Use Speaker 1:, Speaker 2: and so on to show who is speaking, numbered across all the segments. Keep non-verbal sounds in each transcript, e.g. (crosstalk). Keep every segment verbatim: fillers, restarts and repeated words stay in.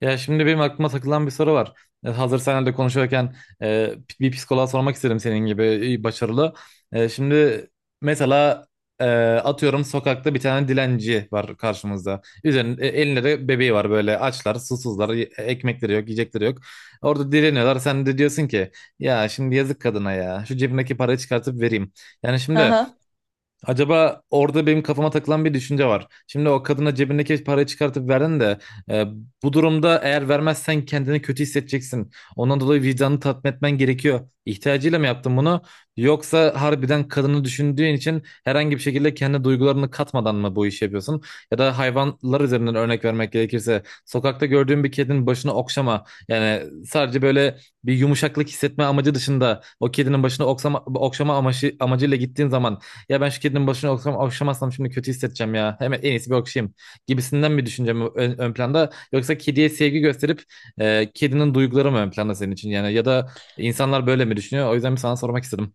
Speaker 1: Ya şimdi benim aklıma takılan bir soru var. E, Hazır senle de konuşuyorken e, bir psikoloğa sormak istedim senin gibi iyi, başarılı. E, şimdi mesela e, atıyorum sokakta bir tane dilenci var karşımızda. Üzerinde e, elinde de bebeği var böyle açlar, susuzlar, y- ekmekleri yok, yiyecekleri yok. Orada dileniyorlar. Sen de diyorsun ki ya şimdi yazık kadına ya. Şu cebimdeki parayı çıkartıp vereyim. Yani şimdi
Speaker 2: Aha.
Speaker 1: acaba orada benim kafama takılan bir düşünce var. Şimdi o kadına cebindeki parayı çıkartıp verdin de e, bu durumda eğer vermezsen kendini kötü hissedeceksin. Ondan dolayı vicdanını tatmin etmen gerekiyor. İhtiyacıyla mı yaptın bunu? Yoksa harbiden kadını düşündüğün için herhangi bir şekilde kendi duygularını katmadan mı bu işi yapıyorsun? Ya da hayvanlar üzerinden örnek vermek gerekirse sokakta gördüğün bir kedinin başını okşama. Yani sadece böyle bir yumuşaklık hissetme amacı dışında o kedinin başını oksama, okşama amacı, amacıyla gittiğin zaman ya ben şu kedinin başına okşam, okşamazsam şimdi kötü hissedeceğim ya. Hemen en iyisi bir okşayayım gibisinden mi düşüneceğim ön, ön planda, yoksa kediye sevgi gösterip e, kedinin duyguları mı ön planda senin için, yani ya da insanlar böyle mi düşünüyor? O yüzden bir sana sormak istedim.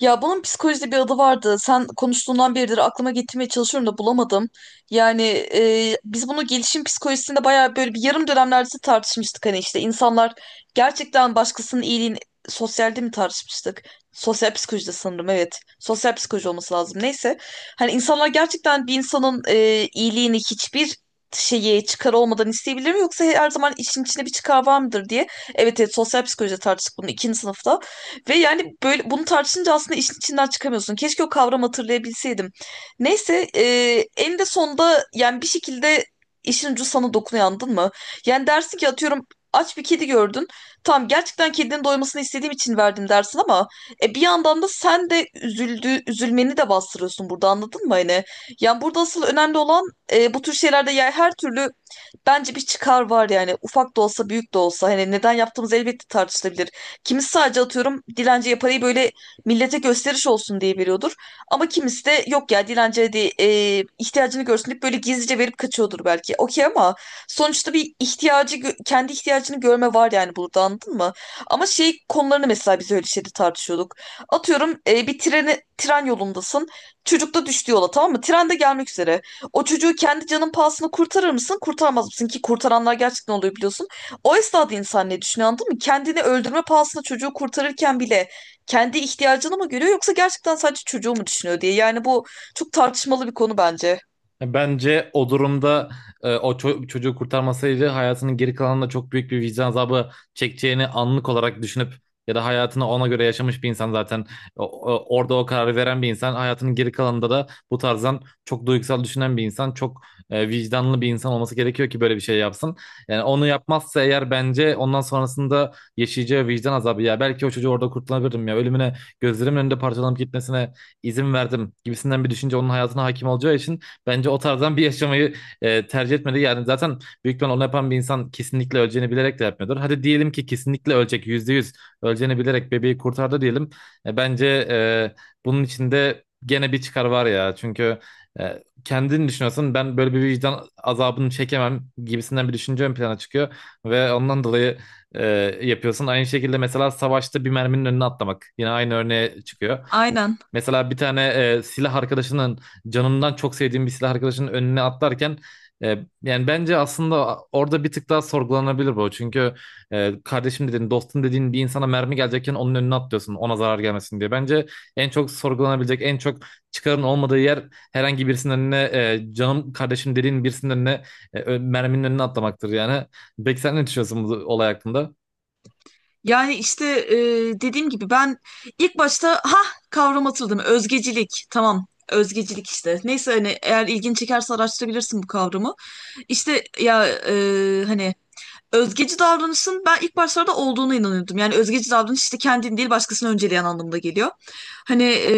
Speaker 2: Ya bunun psikolojide bir adı vardı. Sen konuştuğundan beridir aklıma getirmeye çalışıyorum da bulamadım. Yani e, biz bunu gelişim psikolojisinde bayağı böyle bir yarım dönemlerde tartışmıştık. Hani işte insanlar gerçekten başkasının iyiliğini sosyalde mi tartışmıştık? Sosyal psikolojide sanırım evet. Sosyal psikoloji olması lazım. Neyse. Hani insanlar gerçekten bir insanın e, iyiliğini hiçbir şeye çıkar olmadan isteyebilir mi? Yoksa her zaman işin içinde bir çıkar var mıdır diye. Evet evet, sosyal psikolojide tartıştık bunu ikinci sınıfta. Ve yani böyle bunu tartışınca aslında işin içinden çıkamıyorsun. Keşke o kavramı hatırlayabilseydim. Neyse, e, en de sonunda yani bir şekilde işin ucu sana dokunuyor, anladın mı? Yani dersin ki atıyorum aç bir kedi gördün. Tamam, gerçekten kedinin doymasını istediğim için verdim dersin ama e, bir yandan da sen de üzüldü, üzülmeni de bastırıyorsun burada, anladın mı? Hani, yani burada asıl önemli olan e, bu tür şeylerde yani her türlü bence bir çıkar var yani, ufak da olsa büyük de olsa hani neden yaptığımız elbette tartışılabilir. Kimisi sadece atıyorum dilenciye parayı böyle millete gösteriş olsun diye veriyordur. Ama kimisi de yok ya, dilenciye de e, ihtiyacını görsün deyip böyle gizlice verip kaçıyordur belki. Okey, ama sonuçta bir ihtiyacı gö- kendi ihtiyacını görme var yani burada, anladın mı? Ama şey konularını mesela biz öyle şeyde tartışıyorduk. Atıyorum e, bir treni, tren yolundasın. Çocuk da düştü yola, tamam mı? Tren de gelmek üzere. O çocuğu kendi canın pahasına kurtarır mısın? Kurtarmaz mısın? Ki kurtaranlar gerçekten oluyor, biliyorsun. O esnada insan ne düşünüyor, anladın mı? Kendini öldürme pahasına çocuğu kurtarırken bile kendi ihtiyacını mı görüyor yoksa gerçekten sadece çocuğu mu düşünüyor diye. Yani bu çok tartışmalı bir konu bence.
Speaker 1: Bence o durumda e, o ço- çocuğu kurtarmasaydı hayatının geri kalanında çok büyük bir vicdan azabı çekeceğini anlık olarak düşünüp ya da hayatını ona göre yaşamış bir insan zaten O- o- orada o kararı veren bir insan hayatının geri kalanında da bu tarzdan çok duygusal düşünen bir insan, çok e, vicdanlı bir insan olması gerekiyor ki böyle bir şey yapsın. Yani onu yapmazsa eğer bence ondan sonrasında yaşayacağı vicdan azabı, ya belki o çocuğu orada kurtulabilirdim ya ölümüne gözlerimin önünde parçalanıp gitmesine izin verdim gibisinden bir düşünce onun hayatına hakim olacağı için bence o tarzdan bir yaşamayı e, tercih etmeli. Yani zaten büyük ihtimal onu yapan bir insan kesinlikle öleceğini bilerek de yapmıyordur. Hadi diyelim ki kesinlikle ölecek, yüzde yüz öleceğini bilerek bebeği kurtardı diyelim. E, bence e, bunun içinde gene bir çıkar var ya. Çünkü e, kendini düşünüyorsun, ben böyle bir vicdan azabını çekemem gibisinden bir düşünce ön plana çıkıyor. Ve ondan dolayı e, yapıyorsun. Aynı şekilde mesela savaşta bir merminin önüne atlamak. Yine aynı örneğe çıkıyor.
Speaker 2: Aynen.
Speaker 1: Mesela bir tane e, silah arkadaşının canımdan çok sevdiğim bir silah arkadaşının önüne atlarken e, yani bence aslında orada bir tık daha sorgulanabilir bu. Çünkü e, kardeşim dediğin, dostum dediğin bir insana mermi gelecekken onun önüne atlıyorsun, ona zarar gelmesin diye. Bence en çok sorgulanabilecek, en çok çıkarın olmadığı yer herhangi birisinin önüne, e, canım kardeşim dediğin birisinin önüne, e, ö- merminin önüne atlamaktır yani. Peki sen ne düşünüyorsun bu olay hakkında?
Speaker 2: Yani işte e, dediğim gibi ben ilk başta ha, kavram hatırladım. Özgecilik. Tamam. Özgecilik işte. Neyse, hani eğer ilgin çekerse araştırabilirsin bu kavramı. İşte ya e, hani özgeci davranışın ben ilk başlarda olduğuna inanıyordum. Yani özgeci davranış işte kendini değil başkasını önceleyen anlamda geliyor. Hani e,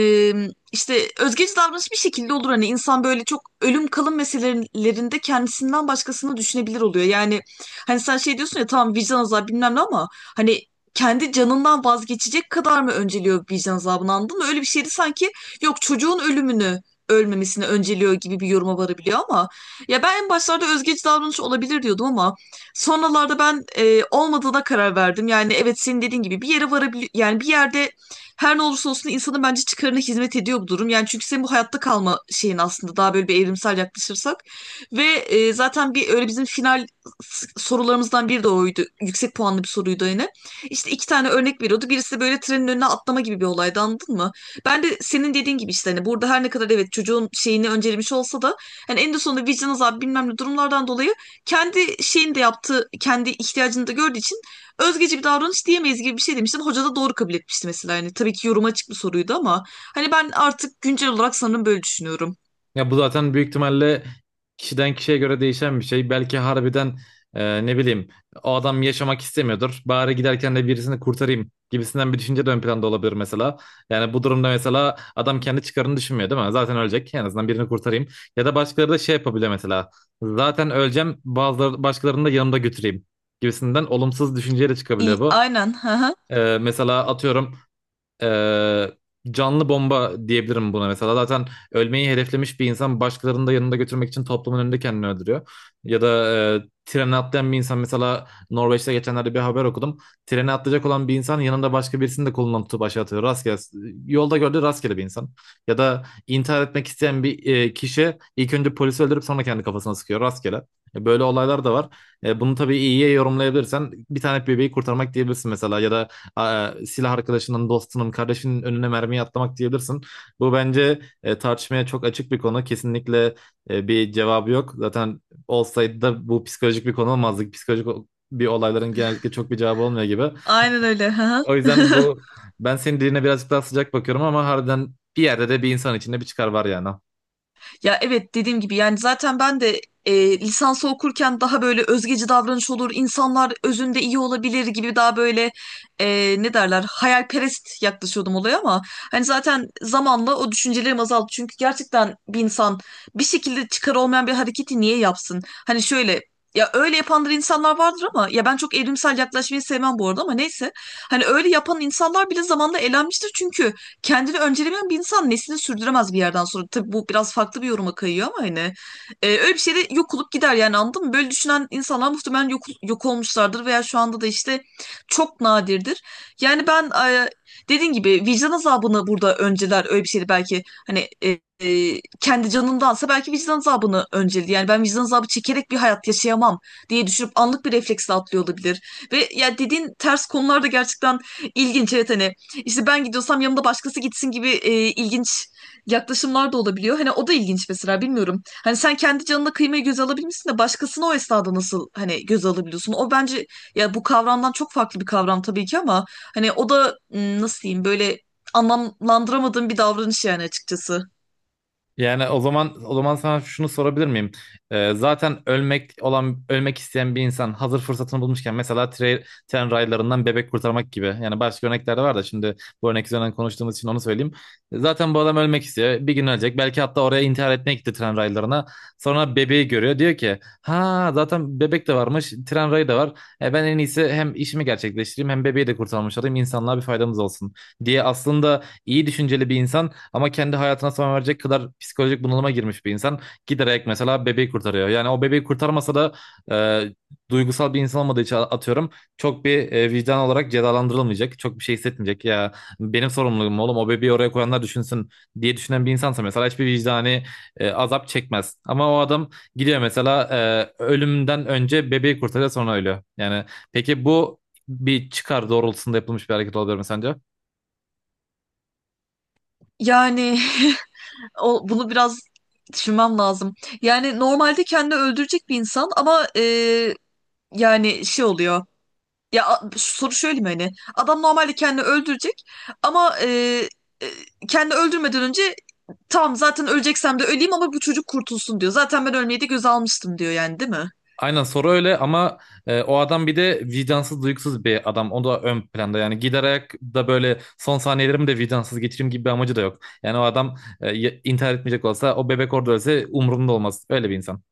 Speaker 2: işte özgeci davranış bir şekilde olur. Hani insan böyle çok ölüm kalım meselelerinde kendisinden başkasını düşünebilir oluyor. Yani hani sen şey diyorsun ya, tamam vicdan azabı bilmem ne ama hani kendi canından vazgeçecek kadar mı önceliyor vicdan azabını, anladın mı? Öyle bir şeydi sanki, yok çocuğun ölümünü ölmemesini önceliyor gibi bir yoruma varabiliyor ama ya ben en başlarda özgeci davranış olabilir diyordum ama sonralarda ben e, olmadığına karar verdim. Yani evet, senin dediğin gibi bir yere varabilir yani, bir yerde her ne olursa olsun insanın bence çıkarına hizmet ediyor bu durum. Yani çünkü senin bu hayatta kalma şeyin aslında daha böyle bir evrimsel yaklaşırsak ve e, zaten bir öyle bizim final s- sorularımızdan biri de oydu. Yüksek puanlı bir soruydu yine. İşte iki tane örnek veriyordu. Birisi de böyle trenin önüne atlama gibi bir olaydı, anladın mı? Ben de senin dediğin gibi işte hani burada her ne kadar evet çocuğun şeyini öncelemiş olsa da hani en de sonunda vicdan azabı bilmem ne durumlardan dolayı kendi şeyini de yaptığı, kendi ihtiyacını da gördüğü için özgeci bir davranış diyemeyiz gibi bir şey demiştin. Hoca da doğru kabul etmişti mesela. Yani tabii ki yoruma açık bir soruydu ama hani ben artık güncel olarak sanırım böyle düşünüyorum.
Speaker 1: Ya bu zaten büyük ihtimalle kişiden kişiye göre değişen bir şey. Belki harbiden e, ne bileyim o adam yaşamak istemiyordur. Bari giderken de birisini kurtarayım gibisinden bir düşünce de ön planda olabilir mesela. Yani bu durumda mesela adam kendi çıkarını düşünmüyor değil mi? Zaten ölecek. En azından birini kurtarayım. Ya da başkaları da şey yapabilir mesela. Zaten öleceğim, bazıları başkalarını da yanımda götüreyim gibisinden olumsuz düşünceyle çıkabiliyor
Speaker 2: İyi,
Speaker 1: bu.
Speaker 2: aynen. Hı hı.
Speaker 1: E, mesela atıyorum, ee, canlı bomba diyebilirim buna mesela. Zaten ölmeyi hedeflemiş bir insan başkalarını da yanında götürmek için toplumun önünde kendini öldürüyor. Ya da e, trene atlayan bir insan, mesela Norveç'te geçenlerde bir haber okudum. Trene atlayacak olan bir insan yanında başka birisini de kolundan tutup aşağı atıyor. Rastgele, yolda gördüğü rastgele bir insan. Ya da intihar etmek isteyen bir e, kişi ilk önce polisi öldürüp sonra kendi kafasına sıkıyor rastgele. E, Böyle olaylar da var. E, bunu tabii iyiye yorumlayabilirsen bir tane bebeği kurtarmak diyebilirsin mesela, ya da a- e, silah arkadaşının, dostunun, kardeşinin önüne mermiyi atlamak diyebilirsin. Bu bence e, tartışmaya çok açık bir konu. Kesinlikle e, bir cevabı yok. Zaten olsaydı da bu psikolojik bir konu olmazdı. Psikolojik o- bir olayların genellikle çok bir cevabı olmuyor gibi.
Speaker 2: Aynen öyle. Hı
Speaker 1: O yüzden
Speaker 2: hı. (laughs)
Speaker 1: bu, ben senin diline birazcık daha sıcak bakıyorum ama harbiden bir yerde de bir insan içinde bir çıkar var yani.
Speaker 2: Ya evet, dediğim gibi yani zaten ben de e, lisansı okurken daha böyle özgeci davranış olur, insanlar özünde iyi olabilir gibi daha böyle e, ne derler hayalperest yaklaşıyordum olaya ama hani zaten zamanla o düşüncelerim azaldı. Çünkü gerçekten bir insan bir şekilde çıkar olmayan bir hareketi niye yapsın? Hani şöyle, ya öyle yapanlar insanlar vardır ama ya ben çok evrimsel yaklaşmayı sevmem bu arada, ama neyse. Hani öyle yapan insanlar bile zamanla elenmiştir çünkü kendini öncelemeyen bir insan neslini sürdüremez bir yerden sonra. Tabii bu biraz farklı bir yoruma kayıyor ama hani e, öyle bir şeyde yok olup gider yani, anladın mı? Böyle düşünen insanlar muhtemelen yok, yok olmuşlardır veya şu anda da işte çok nadirdir. Yani ben e, dediğin gibi vicdan azabını burada önceler, öyle bir şeydi belki hani e, e, kendi canındansa belki vicdan azabını önceledi. Yani ben vicdan azabı çekerek bir hayat yaşayamam diye düşünüp anlık bir refleksle atlıyor olabilir. Ve ya dediğin ters konularda gerçekten ilginç. Evet hani işte ben gidiyorsam yanımda başkası gitsin gibi e, ilginç yaklaşımlar da olabiliyor. Hani o da ilginç mesela, bilmiyorum. Hani sen kendi canına kıymayı göze alabilmişsin de başkasını o esnada nasıl hani göze alabiliyorsun? O bence, ya bu kavramdan çok farklı bir kavram tabii ki ama hani o da m, nasıl diyeyim böyle, anlamlandıramadığım bir davranış yani açıkçası.
Speaker 1: Yani o zaman, o zaman sana şunu sorabilir miyim? Ee, zaten ölmek olan ölmek isteyen bir insan hazır fırsatını bulmuşken, mesela tre- tren raylarından bebek kurtarmak gibi. Yani başka örnekler de var da, şimdi bu örnek üzerinden konuştuğumuz için onu söyleyeyim. Zaten bu adam ölmek istiyor. Bir gün ölecek. Belki hatta oraya intihar etmeye gitti tren raylarına. Sonra bebeği görüyor. Diyor ki ha zaten bebek de varmış. Tren rayı da var. E, ben en iyisi hem işimi gerçekleştireyim hem bebeği de kurtarmış olayım. İnsanlığa bir faydamız olsun diye, aslında iyi düşünceli bir insan ama kendi hayatına son verecek kadar psikolojik bunalıma girmiş bir insan. Giderek mesela bebeği kurtarıyor. Yani o bebeği kurtarmasa da e, duygusal bir insan olmadığı için atıyorum çok bir e, vicdan olarak cezalandırılmayacak. Çok bir şey hissetmeyecek. Ya benim sorumluluğum, oğlum o bebeği oraya koyanlar düşünsün diye düşünen bir insansa mesela hiçbir vicdani e, azap çekmez. Ama o adam gidiyor mesela, e, ölümden önce bebeği kurtarıyor sonra ölüyor. Yani peki bu bir çıkar doğrultusunda yapılmış bir hareket olabilir mi sence?
Speaker 2: Yani (laughs) o, bunu biraz düşünmem lazım. Yani normalde kendini öldürecek bir insan ama e, yani şey oluyor. Ya a- soru şöyle mi, hani adam normalde kendini öldürecek ama e, e, kendini öldürmeden önce tamam zaten öleceksem de öleyim ama bu çocuk kurtulsun diyor. Zaten ben ölmeyi de göze almıştım diyor yani, değil mi?
Speaker 1: Aynen soru öyle, ama e, o adam bir de vicdansız, duygusuz bir adam. O da ön planda, yani giderek ayak da böyle son saniyelerimi de vicdansız geçireyim gibi bir amacı da yok. Yani o adam, e, y- intihar etmeyecek olsa o bebek orada ölse umurumda olmaz. Öyle bir insan.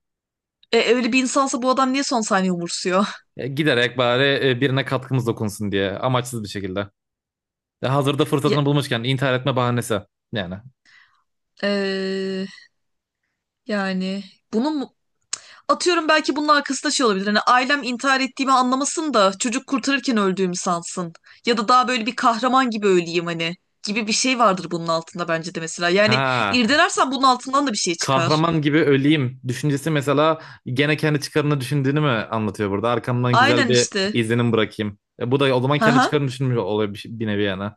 Speaker 2: E, öyle bir insansa bu adam niye son saniye umursuyor? (laughs)
Speaker 1: E, gider, bari e, birine katkımız dokunsun diye, amaçsız bir şekilde. E, hazırda
Speaker 2: Ya,
Speaker 1: fırsatını bulmuşken intihar etme bahanesi yani.
Speaker 2: e, yani bunun mu- atıyorum belki bunun arkasında şey olabilir. Hani ailem intihar ettiğimi anlamasın da çocuk kurtarırken öldüğümü sansın. Ya da daha böyle bir kahraman gibi öleyim hani, gibi bir şey vardır bunun altında bence de mesela. Yani
Speaker 1: Ha,
Speaker 2: irdelersen bunun altından da bir şey çıkar.
Speaker 1: kahraman gibi öleyim düşüncesi mesela gene kendi çıkarını düşündüğünü mü anlatıyor burada? Arkamdan güzel
Speaker 2: Aynen
Speaker 1: bir
Speaker 2: işte.
Speaker 1: izlenim bırakayım. E, bu da o zaman
Speaker 2: Hı
Speaker 1: kendi
Speaker 2: hı.
Speaker 1: çıkarını düşünmüş oluyor bir, bir nevi yani.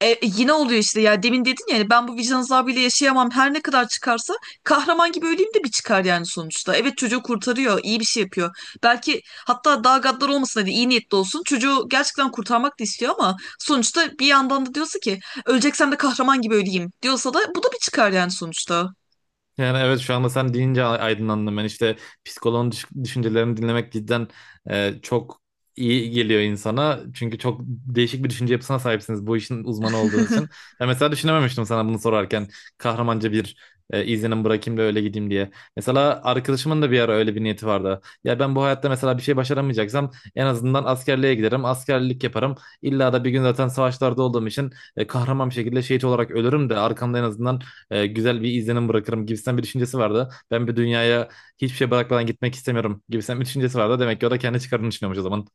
Speaker 2: E, e, yine oluyor işte, ya demin dedin ya hani ben bu vicdan azabıyla yaşayamam her ne kadar çıkarsa kahraman gibi öleyim de bir çıkar yani sonuçta. Evet, çocuğu kurtarıyor, iyi bir şey yapıyor. Belki hatta daha gaddar olmasın, hadi iyi niyetli olsun, çocuğu gerçekten kurtarmak da istiyor ama sonuçta bir yandan da diyorsa ki öleceksem de kahraman gibi öleyim diyorsa da bu da bir çıkar yani sonuçta.
Speaker 1: Yani evet, şu anda sen deyince a- aydınlandım ben, işte psikoloğun düş- düşüncelerini dinlemek cidden e, çok iyi geliyor insana. Çünkü çok değişik bir düşünce yapısına sahipsiniz, bu işin uzmanı olduğunuz için. Ben mesela düşünememiştim sana bunu sorarken kahramanca bir e, izlenim bırakayım da öyle gideyim diye. Mesela arkadaşımın da bir ara öyle bir niyeti vardı. Ya ben bu hayatta mesela bir şey başaramayacaksam en azından askerliğe giderim, askerlik yaparım. İlla da bir gün zaten savaşlarda olduğum için e, kahraman bir şekilde şehit olarak ölürüm de arkamda en azından e, güzel bir izlenim bırakırım gibisinden bir düşüncesi vardı. Ben bir dünyaya hiçbir şey bırakmadan gitmek istemiyorum gibisinden bir düşüncesi vardı. Demek ki o da kendi çıkarını düşünüyormuş o zaman.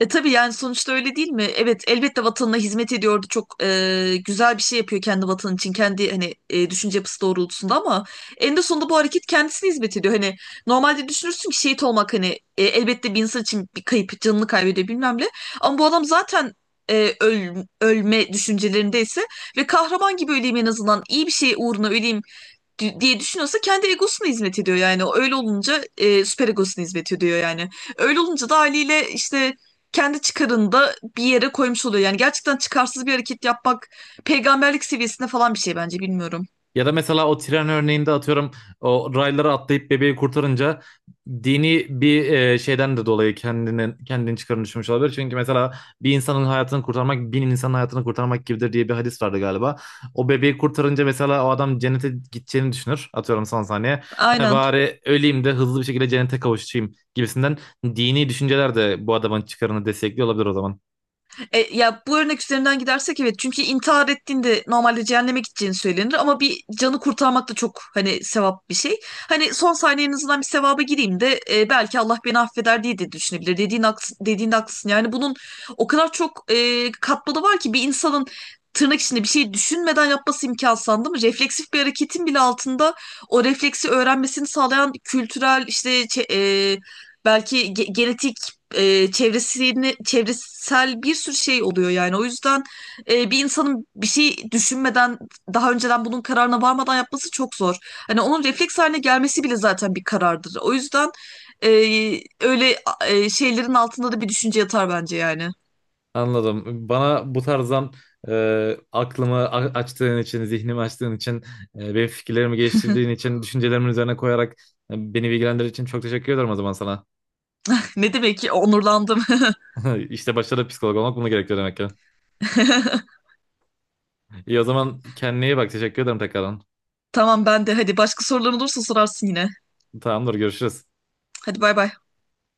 Speaker 2: E tabii yani sonuçta öyle değil mi? Evet elbette vatanına hizmet ediyordu. Çok e, güzel bir şey yapıyor kendi vatanı için. Kendi hani e, düşünce yapısı doğrultusunda ama eninde sonunda bu hareket kendisine hizmet ediyor. Hani normalde düşünürsün ki şehit olmak hani e, elbette bir insan için bir kayıp, canını kaybediyor bilmem ne. Ama bu adam zaten e, öl- ölme düşüncelerindeyse ve kahraman gibi öleyim en azından iyi bir şey uğruna öleyim di- diye düşünüyorsa kendi egosuna hizmet ediyor yani. O Öyle olunca e, süper egosuna hizmet ediyor yani. Öyle olunca da haliyle işte kendi çıkarını da bir yere koymuş oluyor. Yani gerçekten çıkarsız bir hareket yapmak peygamberlik seviyesinde falan bir şey bence, bilmiyorum.
Speaker 1: Ya da mesela o tren örneğinde atıyorum o raylara atlayıp bebeği kurtarınca dini bir e, şeyden de dolayı kendini kendini çıkarını düşmüş olabilir. Çünkü mesela bir insanın hayatını kurtarmak bin insanın hayatını kurtarmak gibidir diye bir hadis vardı galiba. O bebeği kurtarınca mesela o adam cennete gideceğini düşünür. Atıyorum son saniye. "Ha,
Speaker 2: Aynen.
Speaker 1: bari öleyim de hızlı bir şekilde cennete kavuşayım" gibisinden dini düşünceler de bu adamın çıkarını destekliyor olabilir o zaman.
Speaker 2: E, ya bu örnek üzerinden gidersek evet, çünkü intihar ettiğinde normalde cehenneme gideceğini söylenir ama bir canı kurtarmak da çok hani sevap bir şey. Hani son saniye en azından bir sevaba gireyim de e, belki Allah beni affeder diye de düşünebilir. Dediğin haksın, dediğin haklısın. Yani bunun o kadar çok e, katmanı var ki bir insanın tırnak içinde bir şey düşünmeden yapması imkansız değil mi? Refleksif bir hareketin bile altında o refleksi öğrenmesini sağlayan kültürel işte çe- e, belki ge- genetik e, çevresini çevresel bir sürü şey oluyor yani. O yüzden e, bir insanın bir şey düşünmeden daha önceden bunun kararına varmadan yapması çok zor. Hani onun refleks haline gelmesi bile zaten bir karardır. O yüzden e, öyle e, şeylerin altında da bir düşünce yatar bence yani.
Speaker 1: Anladım. Bana bu tarzdan e, aklımı a- açtığın için, zihnimi açtığın için, e, benim fikirlerimi geliştirdiğin için, düşüncelerimin üzerine koyarak e, beni bilgilendirdiğin için çok teşekkür ederim o zaman sana.
Speaker 2: (laughs) Ne demek ki, onurlandım.
Speaker 1: (laughs) İşte başta da psikolog olmak bunu gerekiyor demek ki.
Speaker 2: (laughs)
Speaker 1: İyi, o zaman kendine iyi bak. Teşekkür ederim tekrardan.
Speaker 2: Tamam, ben de hadi başka soruların olursa sorarsın yine.
Speaker 1: Tamamdır, görüşürüz.
Speaker 2: Hadi bay bay.